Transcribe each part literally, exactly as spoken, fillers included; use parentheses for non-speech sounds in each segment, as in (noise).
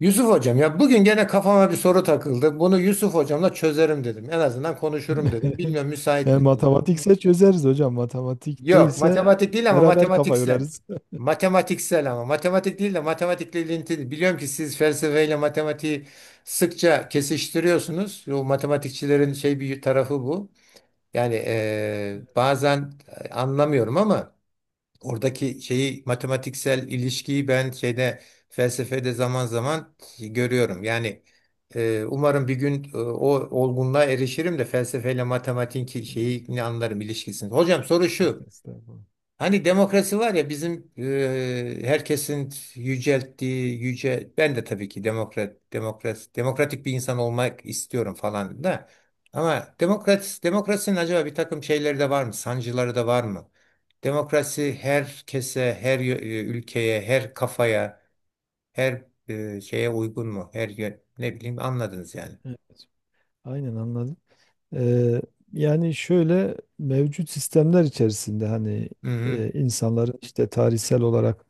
Yusuf hocam ya bugün gene kafama bir soru takıldı. Bunu Yusuf hocamla çözerim dedim. En azından konuşurum dedim. (laughs) Bilmiyorum müsait E, misiniz? Matematikse çözeriz hocam. Matematik Yok, değilse matematik değil ama beraber kafa matematiksel. yorarız. Matematiksel ama matematik değil de matematikle ilintili. Biliyorum ki siz felsefeyle matematiği sıkça kesiştiriyorsunuz. O matematikçilerin şey bir tarafı bu. Yani eee, bazen anlamıyorum ama oradaki şeyi, matematiksel ilişkiyi, ben şeyde, felsefede, zaman zaman görüyorum. Yani e, umarım bir gün e, o olgunluğa erişirim de felsefeyle matematiğin ki- Yok, şeyini anlarım, ilişkisini. Hocam soru yok, şu. estağfurullah. Hani demokrasi var ya, bizim e, herkesin yücelttiği yüce, ben de tabii ki demokrat demokrat demokratik bir insan olmak istiyorum falan da ama demokrat demokrasinin acaba bir takım şeyleri de var mı? Sancıları da var mı? Demokrasi herkese, her yö- e, ülkeye, her kafaya, her e, şeye uygun mu? Her yö- ne bileyim, anladınız yani. Evet, aynen anladım. Ee, Yani şöyle mevcut sistemler içerisinde hani Hı hı, e, insanların işte tarihsel olarak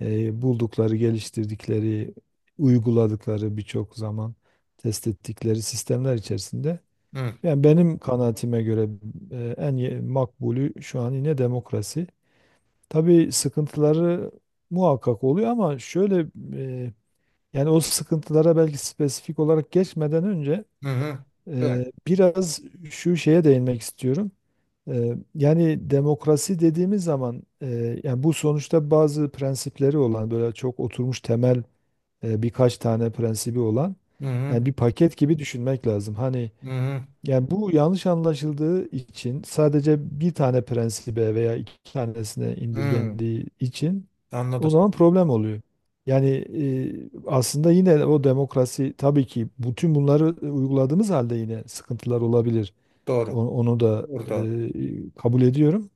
e, buldukları, geliştirdikleri, uyguladıkları birçok zaman test ettikleri sistemler içerisinde hı yani benim kanaatime göre e, en ye- makbulü şu an yine demokrasi. Tabii sıkıntıları muhakkak oluyor ama şöyle e, yani o sıkıntılara belki spesifik olarak geçmeden önce hı, hı. Böyle. e, biraz şu şeye değinmek istiyorum. E, yani demokrasi dediğimiz zaman e, yani bu sonuçta bazı prensipleri olan böyle çok oturmuş temel e, birkaç tane prensibi olan Hı hı, yani bir paket gibi düşünmek lazım. Hani hı hı. yani bu yanlış anlaşıldığı için sadece bir tane prensibe veya iki tanesine Hı. indirgendiği için o Anladım. zaman problem oluyor. Yani e, aslında yine o demokrasi tabii ki bütün bunları e, uyguladığımız halde yine sıkıntılar olabilir. O- Doğru. Onu da e, Doğru. kabul ediyorum.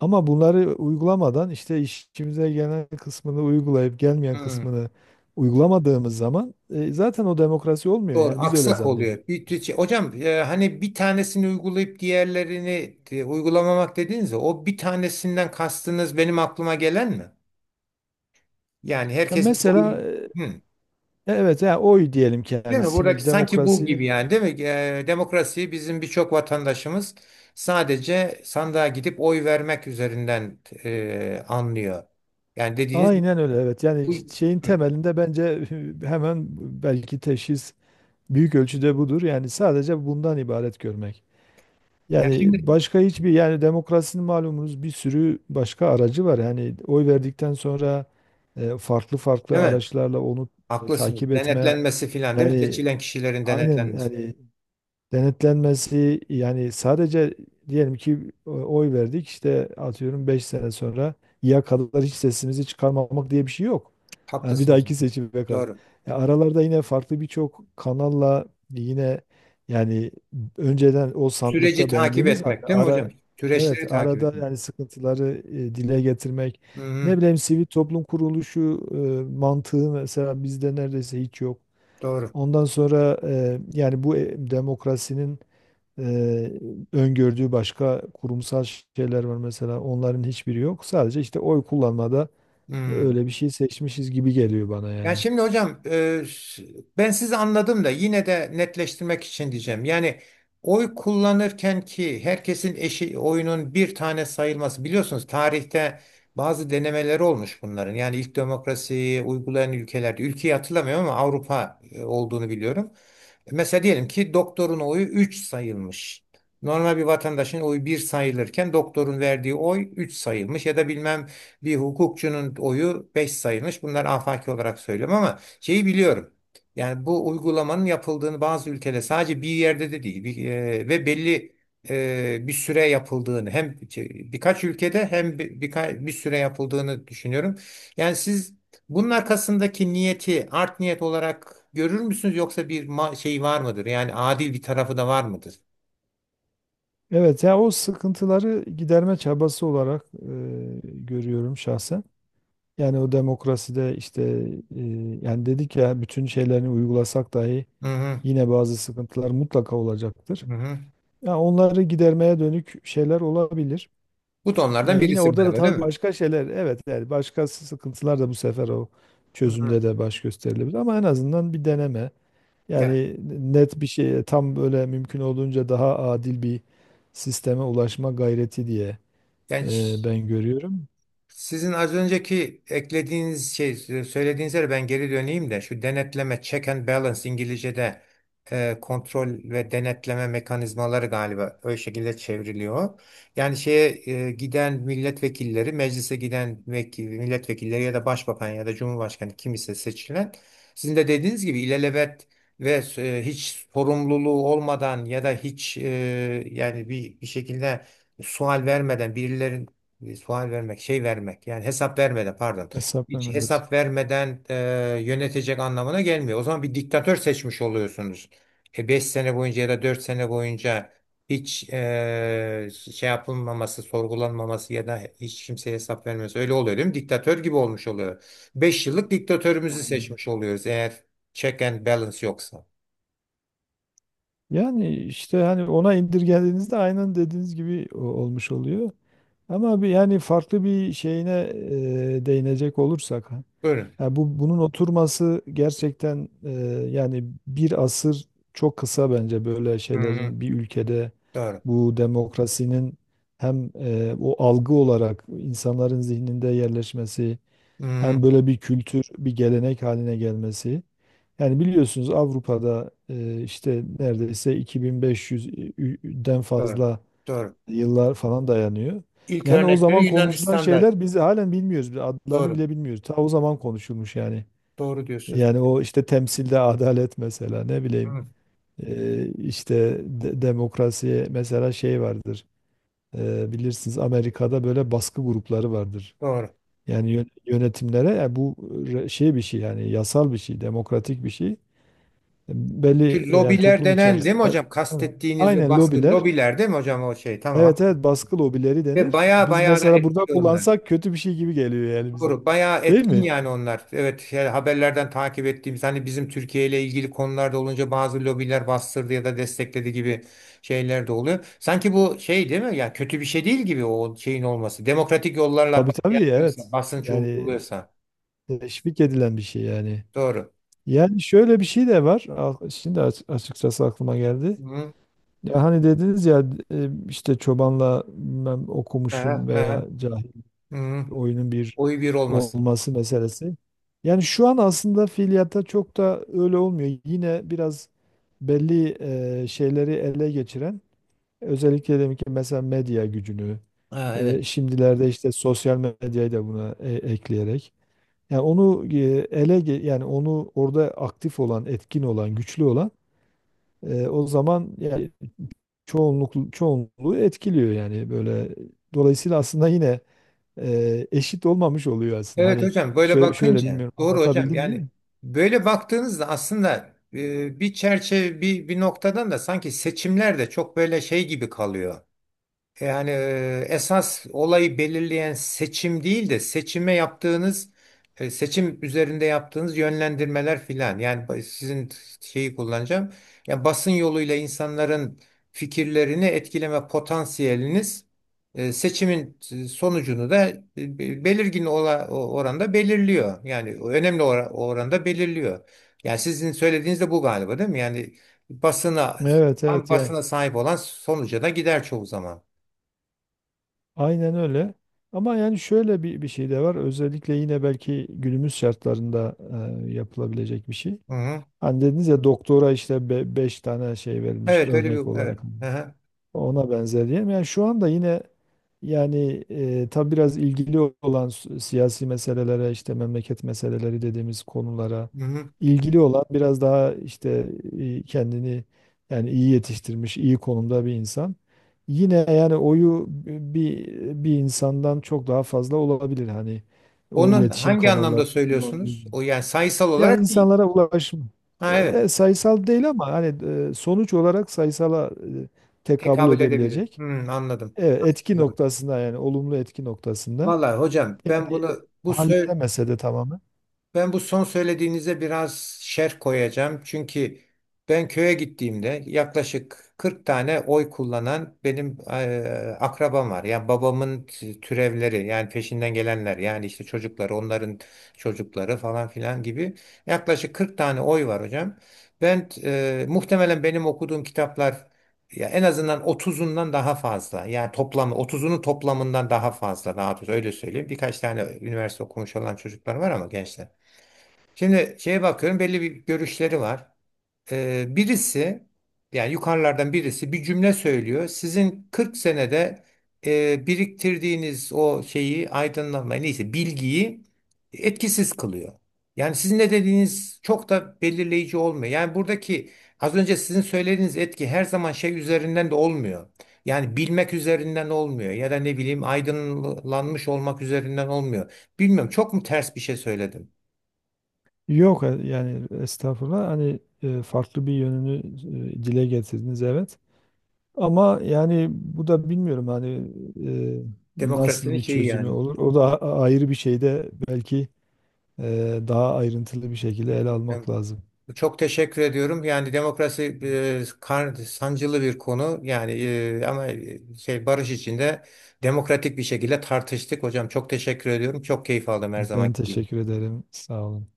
Ama bunları uygulamadan işte işimize gelen kısmını uygulayıp gelmeyen kısmını uygulamadığımız zaman e, zaten o demokrasi olmuyor. Doğru, Yani biz öyle aksak zannediyoruz. oluyor. Bir, tü- şey, hocam, e, hani bir tanesini uygulayıp diğerlerini e, uygulamamak dediniz ya, o bir tanesinden kastınız benim aklıma gelen mi? Yani Ya herkesin mesela oyun. e, Hı. evet yani oy diyelim Değil mi? Buradaki kendisini sanki bu gibi, demokrasinin yani değil mi? E, demokrasiyi bizim birçok vatandaşımız sadece sandığa gidip oy vermek üzerinden e, anlıyor. Yani dediğiniz aynen öyle, evet, yani bu. şeyin Hı. temelinde bence. (laughs) Hemen belki teşhis büyük ölçüde budur yani sadece bundan ibaret görmek. Yani Yani şimdi başka hiçbir yani demokrasinin malumunuz bir sürü başka aracı var yani oy verdikten sonra e, farklı değil farklı mi? araçlarla onu e, Haklısınız. takip etme Denetlenmesi filan değil mi? yani Seçilen kişilerin aynen denetlenmesi. yani denetlenmesi yani sadece diyelim ki e, oy verdik işte atıyorum beş sene sonra ya kadar hiç sesimizi çıkarmamak diye bir şey yok. Yani bir Haklısınız. dahaki seçime kadar. Doğru. Ya aralarda yine farklı birçok kanalla yine yani önceden o Süreci sandıkta takip beğendiğimiz halde etmek değil mi ara, hocam? Süreçleri evet, takip arada etmek. yani sıkıntıları e, dile getirmek, Hı hı, ne bileyim sivil toplum kuruluşu e, mantığı mesela bizde neredeyse hiç yok. doğru. Ondan sonra e, yani bu e, demokrasinin Eee, öngördüğü başka kurumsal şeyler var, mesela onların hiçbiri yok. Sadece işte oy kullanmada e, Hı. öyle bir şey seçmişiz gibi geliyor bana Yani yani. şimdi hocam e, s- Ben sizi anladım da yine de netleştirmek için diyeceğim. Yani oy kullanırken ki herkesin eşi oyunun bir tane sayılması, biliyorsunuz, tarihte bazı denemeleri olmuş bunların. Yani ilk demokrasiyi uygulayan ülkelerde, ülkeyi hatırlamıyorum ama Avrupa e, olduğunu biliyorum. Mesela diyelim ki doktorun oyu üç sayılmış. Normal bir vatandaşın oyu bir sayılırken doktorun verdiği oy üç sayılmış ya da bilmem bir hukukçunun oyu beş sayılmış. Bunlar afaki olarak söylüyorum ama şeyi biliyorum. Yani bu uygulamanın yapıldığını bazı ülkede, sadece bir yerde de değil, bir, e, ve belli e, bir süre yapıldığını, hem şey, birkaç ülkede hem bir, birka- bir süre yapıldığını düşünüyorum. Yani siz bunun arkasındaki niyeti art niyet olarak görür müsünüz, yoksa bir ma- şey var mıdır? Yani adil bir tarafı da var mıdır? Evet, ya o sıkıntıları giderme çabası olarak eee, görüyorum şahsen. Yani o demokraside işte eee, yani dedik ya bütün şeylerini uygulasak dahi Hı hı, yine bazı sıkıntılar mutlaka olacaktır. hı hı. Ya onları gidermeye dönük şeyler olabilir. Bu da onlardan Yani yine birisi orada da galiba değil tabii mi? başka şeyler, evet, yani başka sıkıntılar da bu sefer o Hı hı. çözümde de baş gösterilebilir ama en azından bir deneme. Ya, Yani net bir şey tam böyle mümkün olduğunca daha adil bir sisteme ulaşma gayreti diye genç. e, ben görüyorum. Sizin az önceki eklediğiniz şey, söylediğiniz, ben geri döneyim de, şu denetleme, check and balance, İngilizce'de e, kontrol ve denetleme mekanizmaları galiba öyle şekilde çevriliyor. Yani şeye e, giden milletvekilleri, meclise giden vekil, milletvekilleri ya da başbakan ya da cumhurbaşkanı kim ise seçilen, sizin de dediğiniz gibi ilelebet ve e, hiç sorumluluğu olmadan ya da hiç e, yani bir, bir şekilde sual vermeden birilerin e, sual vermek, şey vermek, yani hesap vermeden, pardon. Hesap Hiç verme, evet. hesap vermeden e, yönetecek anlamına gelmiyor. O zaman bir diktatör seçmiş oluyorsunuz. E, beş sene boyunca ya da dört sene boyunca hiç e, şey yapılmaması, sorgulanmaması ya da hiç kimseye hesap vermemesi öyle oluyor değil mi? Diktatör gibi olmuş oluyor. Beş yıllık diktatörümüzü Aynen. seçmiş oluyoruz eğer check and balance yoksa. Yani işte hani ona indirgediğinizde aynen dediğiniz gibi o- olmuş oluyor. Ama bir, yani farklı bir şeyine e, değinecek olursak, Buyurun. ya bu bunun oturması gerçekten e, yani bir asır çok kısa bence böyle Hı hı, şeylerin bir ülkede, doğru. bu demokrasinin hem e, o algı olarak insanların zihninde yerleşmesi, Hı hı, hem böyle bir kültür, bir gelenek haline gelmesi. Yani biliyorsunuz Avrupa'da e, işte neredeyse iki bin beş yüzden doğru. fazla Doğru. yıllar falan dayanıyor. İlk Yani o örnekleri zaman konuşulan Yunanistan'da. şeyler biz halen bilmiyoruz. Biz adlarını Doğru. bile bilmiyoruz. Ta o zaman konuşulmuş yani. Doğru diyorsunuz. Yani o işte temsilde adalet mesela, ne bileyim. Evet. Ee, işte de- demokrasi mesela şey vardır. Ee, bilirsiniz Amerika'da böyle baskı grupları vardır. Doğru. Yani yön- yönetimlere yani bu re- şey bir şey yani yasal bir şey, demokratik bir şey. Belli Şu yani lobiler toplum denen değil mi içerisinde. hocam? Tamam, Kastettiğiniz o aynen, baskı lobiler. lobiler değil mi hocam, o şey? Tamam. Evet evet, baskı lobileri Ve denir. baya Biz baya da mesela burada etkili onlar. kullansak kötü bir şey gibi geliyor yani bize. Doğru. Bayağı Değil etkin mi? yani onlar. Evet, yani haberlerden takip ettiğimiz, hani bizim Türkiye ile ilgili konularda olunca bazı lobiler bastırdı ya da destekledi gibi şeyler de oluyor. Sanki bu şey değil mi? Ya kötü bir şey değil gibi o şeyin olması. Demokratik yollarla Tabii bas- tabii, evet. yapıyorsa, basınç Yani uyguluyorsa. teşvik edilen bir şey yani. Doğru. Yani şöyle bir şey de var. Al- Şimdi aç- açıkçası aklıma geldi. Hı hı. Ya hani dediniz ya e, işte çobanla bilmem okumuşun Aha, veya aha. cahil Hı hı. bir oyunun bir Oy bir olmasın. olması meselesi. Yani şu an aslında fiiliyatta çok da öyle olmuyor. Yine biraz belli e, şeyleri ele geçiren, özellikle demek ki mesela medya gücünü, Ha, e, evet. şimdilerde işte sosyal medyayı da buna e, ekleyerek, yani onu e, ele ge- yani onu orada aktif olan, etkin olan, güçlü olan, e, o zaman yani çoğunluk çoğunluğu etkiliyor yani böyle. Dolayısıyla aslında yine e, eşit olmamış oluyor aslında. Evet Hani hocam, böyle şöyle, şöyle, bakınca bilmiyorum, doğru hocam, anlatabildim yani mi? böyle baktığınızda aslında e, bir çerçeve, bir, bir noktadan da sanki seçimler de çok böyle şey gibi kalıyor. Yani e, esas olayı belirleyen seçim değil de seçime yaptığınız e, seçim üzerinde yaptığınız yönlendirmeler filan. Yani ba- sizin şeyi kullanacağım. Yani basın yoluyla insanların fikirlerini etkileme potansiyeliniz e, seçimin e, sonucunu da e, be- belirgin ola- o- oranda belirliyor. Yani önemli ora- oranda belirliyor. Yani sizin söylediğiniz de bu galiba değil mi? Yani basına Evet tam evet yani. basına sahip olan sonuca da gider çoğu zaman. Aynen öyle. Ama yani şöyle bir, bir şey de var. Özellikle yine belki günümüz şartlarında e, yapılabilecek bir şey. Hı hı. Hani dediniz ya doktora işte be beş tane şey verilmiş Evet, öyle bir, örnek evet. olarak. Hı hı. Ona benzer diyelim. Yani şu anda yine yani e, tabii biraz ilgili olan s- siyasi meselelere, işte memleket meseleleri dediğimiz konulara Hı hı. ilgili olan biraz daha işte e, kendini yani iyi yetiştirmiş, iyi konumda bir insan. Yine yani oyu bi- bir bir insandan çok daha fazla olabilir hani o Onun iletişim hangi kanalları anlamda kullandığı. söylüyorsunuz? O, yani sayısal Yani olarak değil. insanlara ulaşım, Ha, ya, evet. e, sayısal değil ama hani e, sonuç olarak sayısala e, tekabül Tekabül edebilir. edebilecek. Hı, anladım. Evet, etki noktasında yani olumlu etki noktasında. Vallahi hocam Yani ben bunu e, bu sö- halledemese de tamamen. Ben bu son söylediğinize biraz şerh koyacağım. Çünkü ben köye gittiğimde yaklaşık kırk tane oy kullanan benim eee, akrabam var. Yani babamın t- türevleri, yani peşinden gelenler, yani işte çocukları, onların çocukları, falan filan gibi yaklaşık kırk tane oy var hocam. Ben eee, muhtemelen benim okuduğum kitaplar ya en azından otuzundan daha fazla. Yani toplamı otuzunun toplamından daha fazla, daha doğrusu öyle söyleyeyim. Birkaç tane üniversite okumuş olan çocuklar var ama gençler. Şimdi şeye bakıyorum, belli bir görüşleri var. Ee, birisi, yani yukarılardan birisi bir cümle söylüyor. Sizin kırk senede e, biriktirdiğiniz o şeyi, aydınlanmayı, neyse bilgiyi, etkisiz kılıyor. Yani sizin ne dediğiniz çok da belirleyici olmuyor. Yani buradaki, az önce sizin söylediğiniz etki, her zaman şey üzerinden de olmuyor. Yani bilmek üzerinden olmuyor ya da ne bileyim aydınlanmış olmak üzerinden olmuyor. Bilmiyorum, çok mu ters bir şey söyledim? Yok e, yani estağfurullah, hani e, farklı bir yönünü e, dile getirdiniz, evet. Ama yani bu da bilmiyorum hani e, nasıl Demokrasinin bir şeyi çözümü yani. olur. O da a- ayrı bir şeyde belki e, daha ayrıntılı bir şekilde ele almak Ben, lazım. çok teşekkür ediyorum. Yani demokrasi e, kar- sancılı bir konu. Yani e, ama e, şey, barış içinde demokratik bir şekilde tartıştık hocam. Çok teşekkür ediyorum. Çok keyif aldım her zaman. Ben teşekkür ederim. Sağ olun.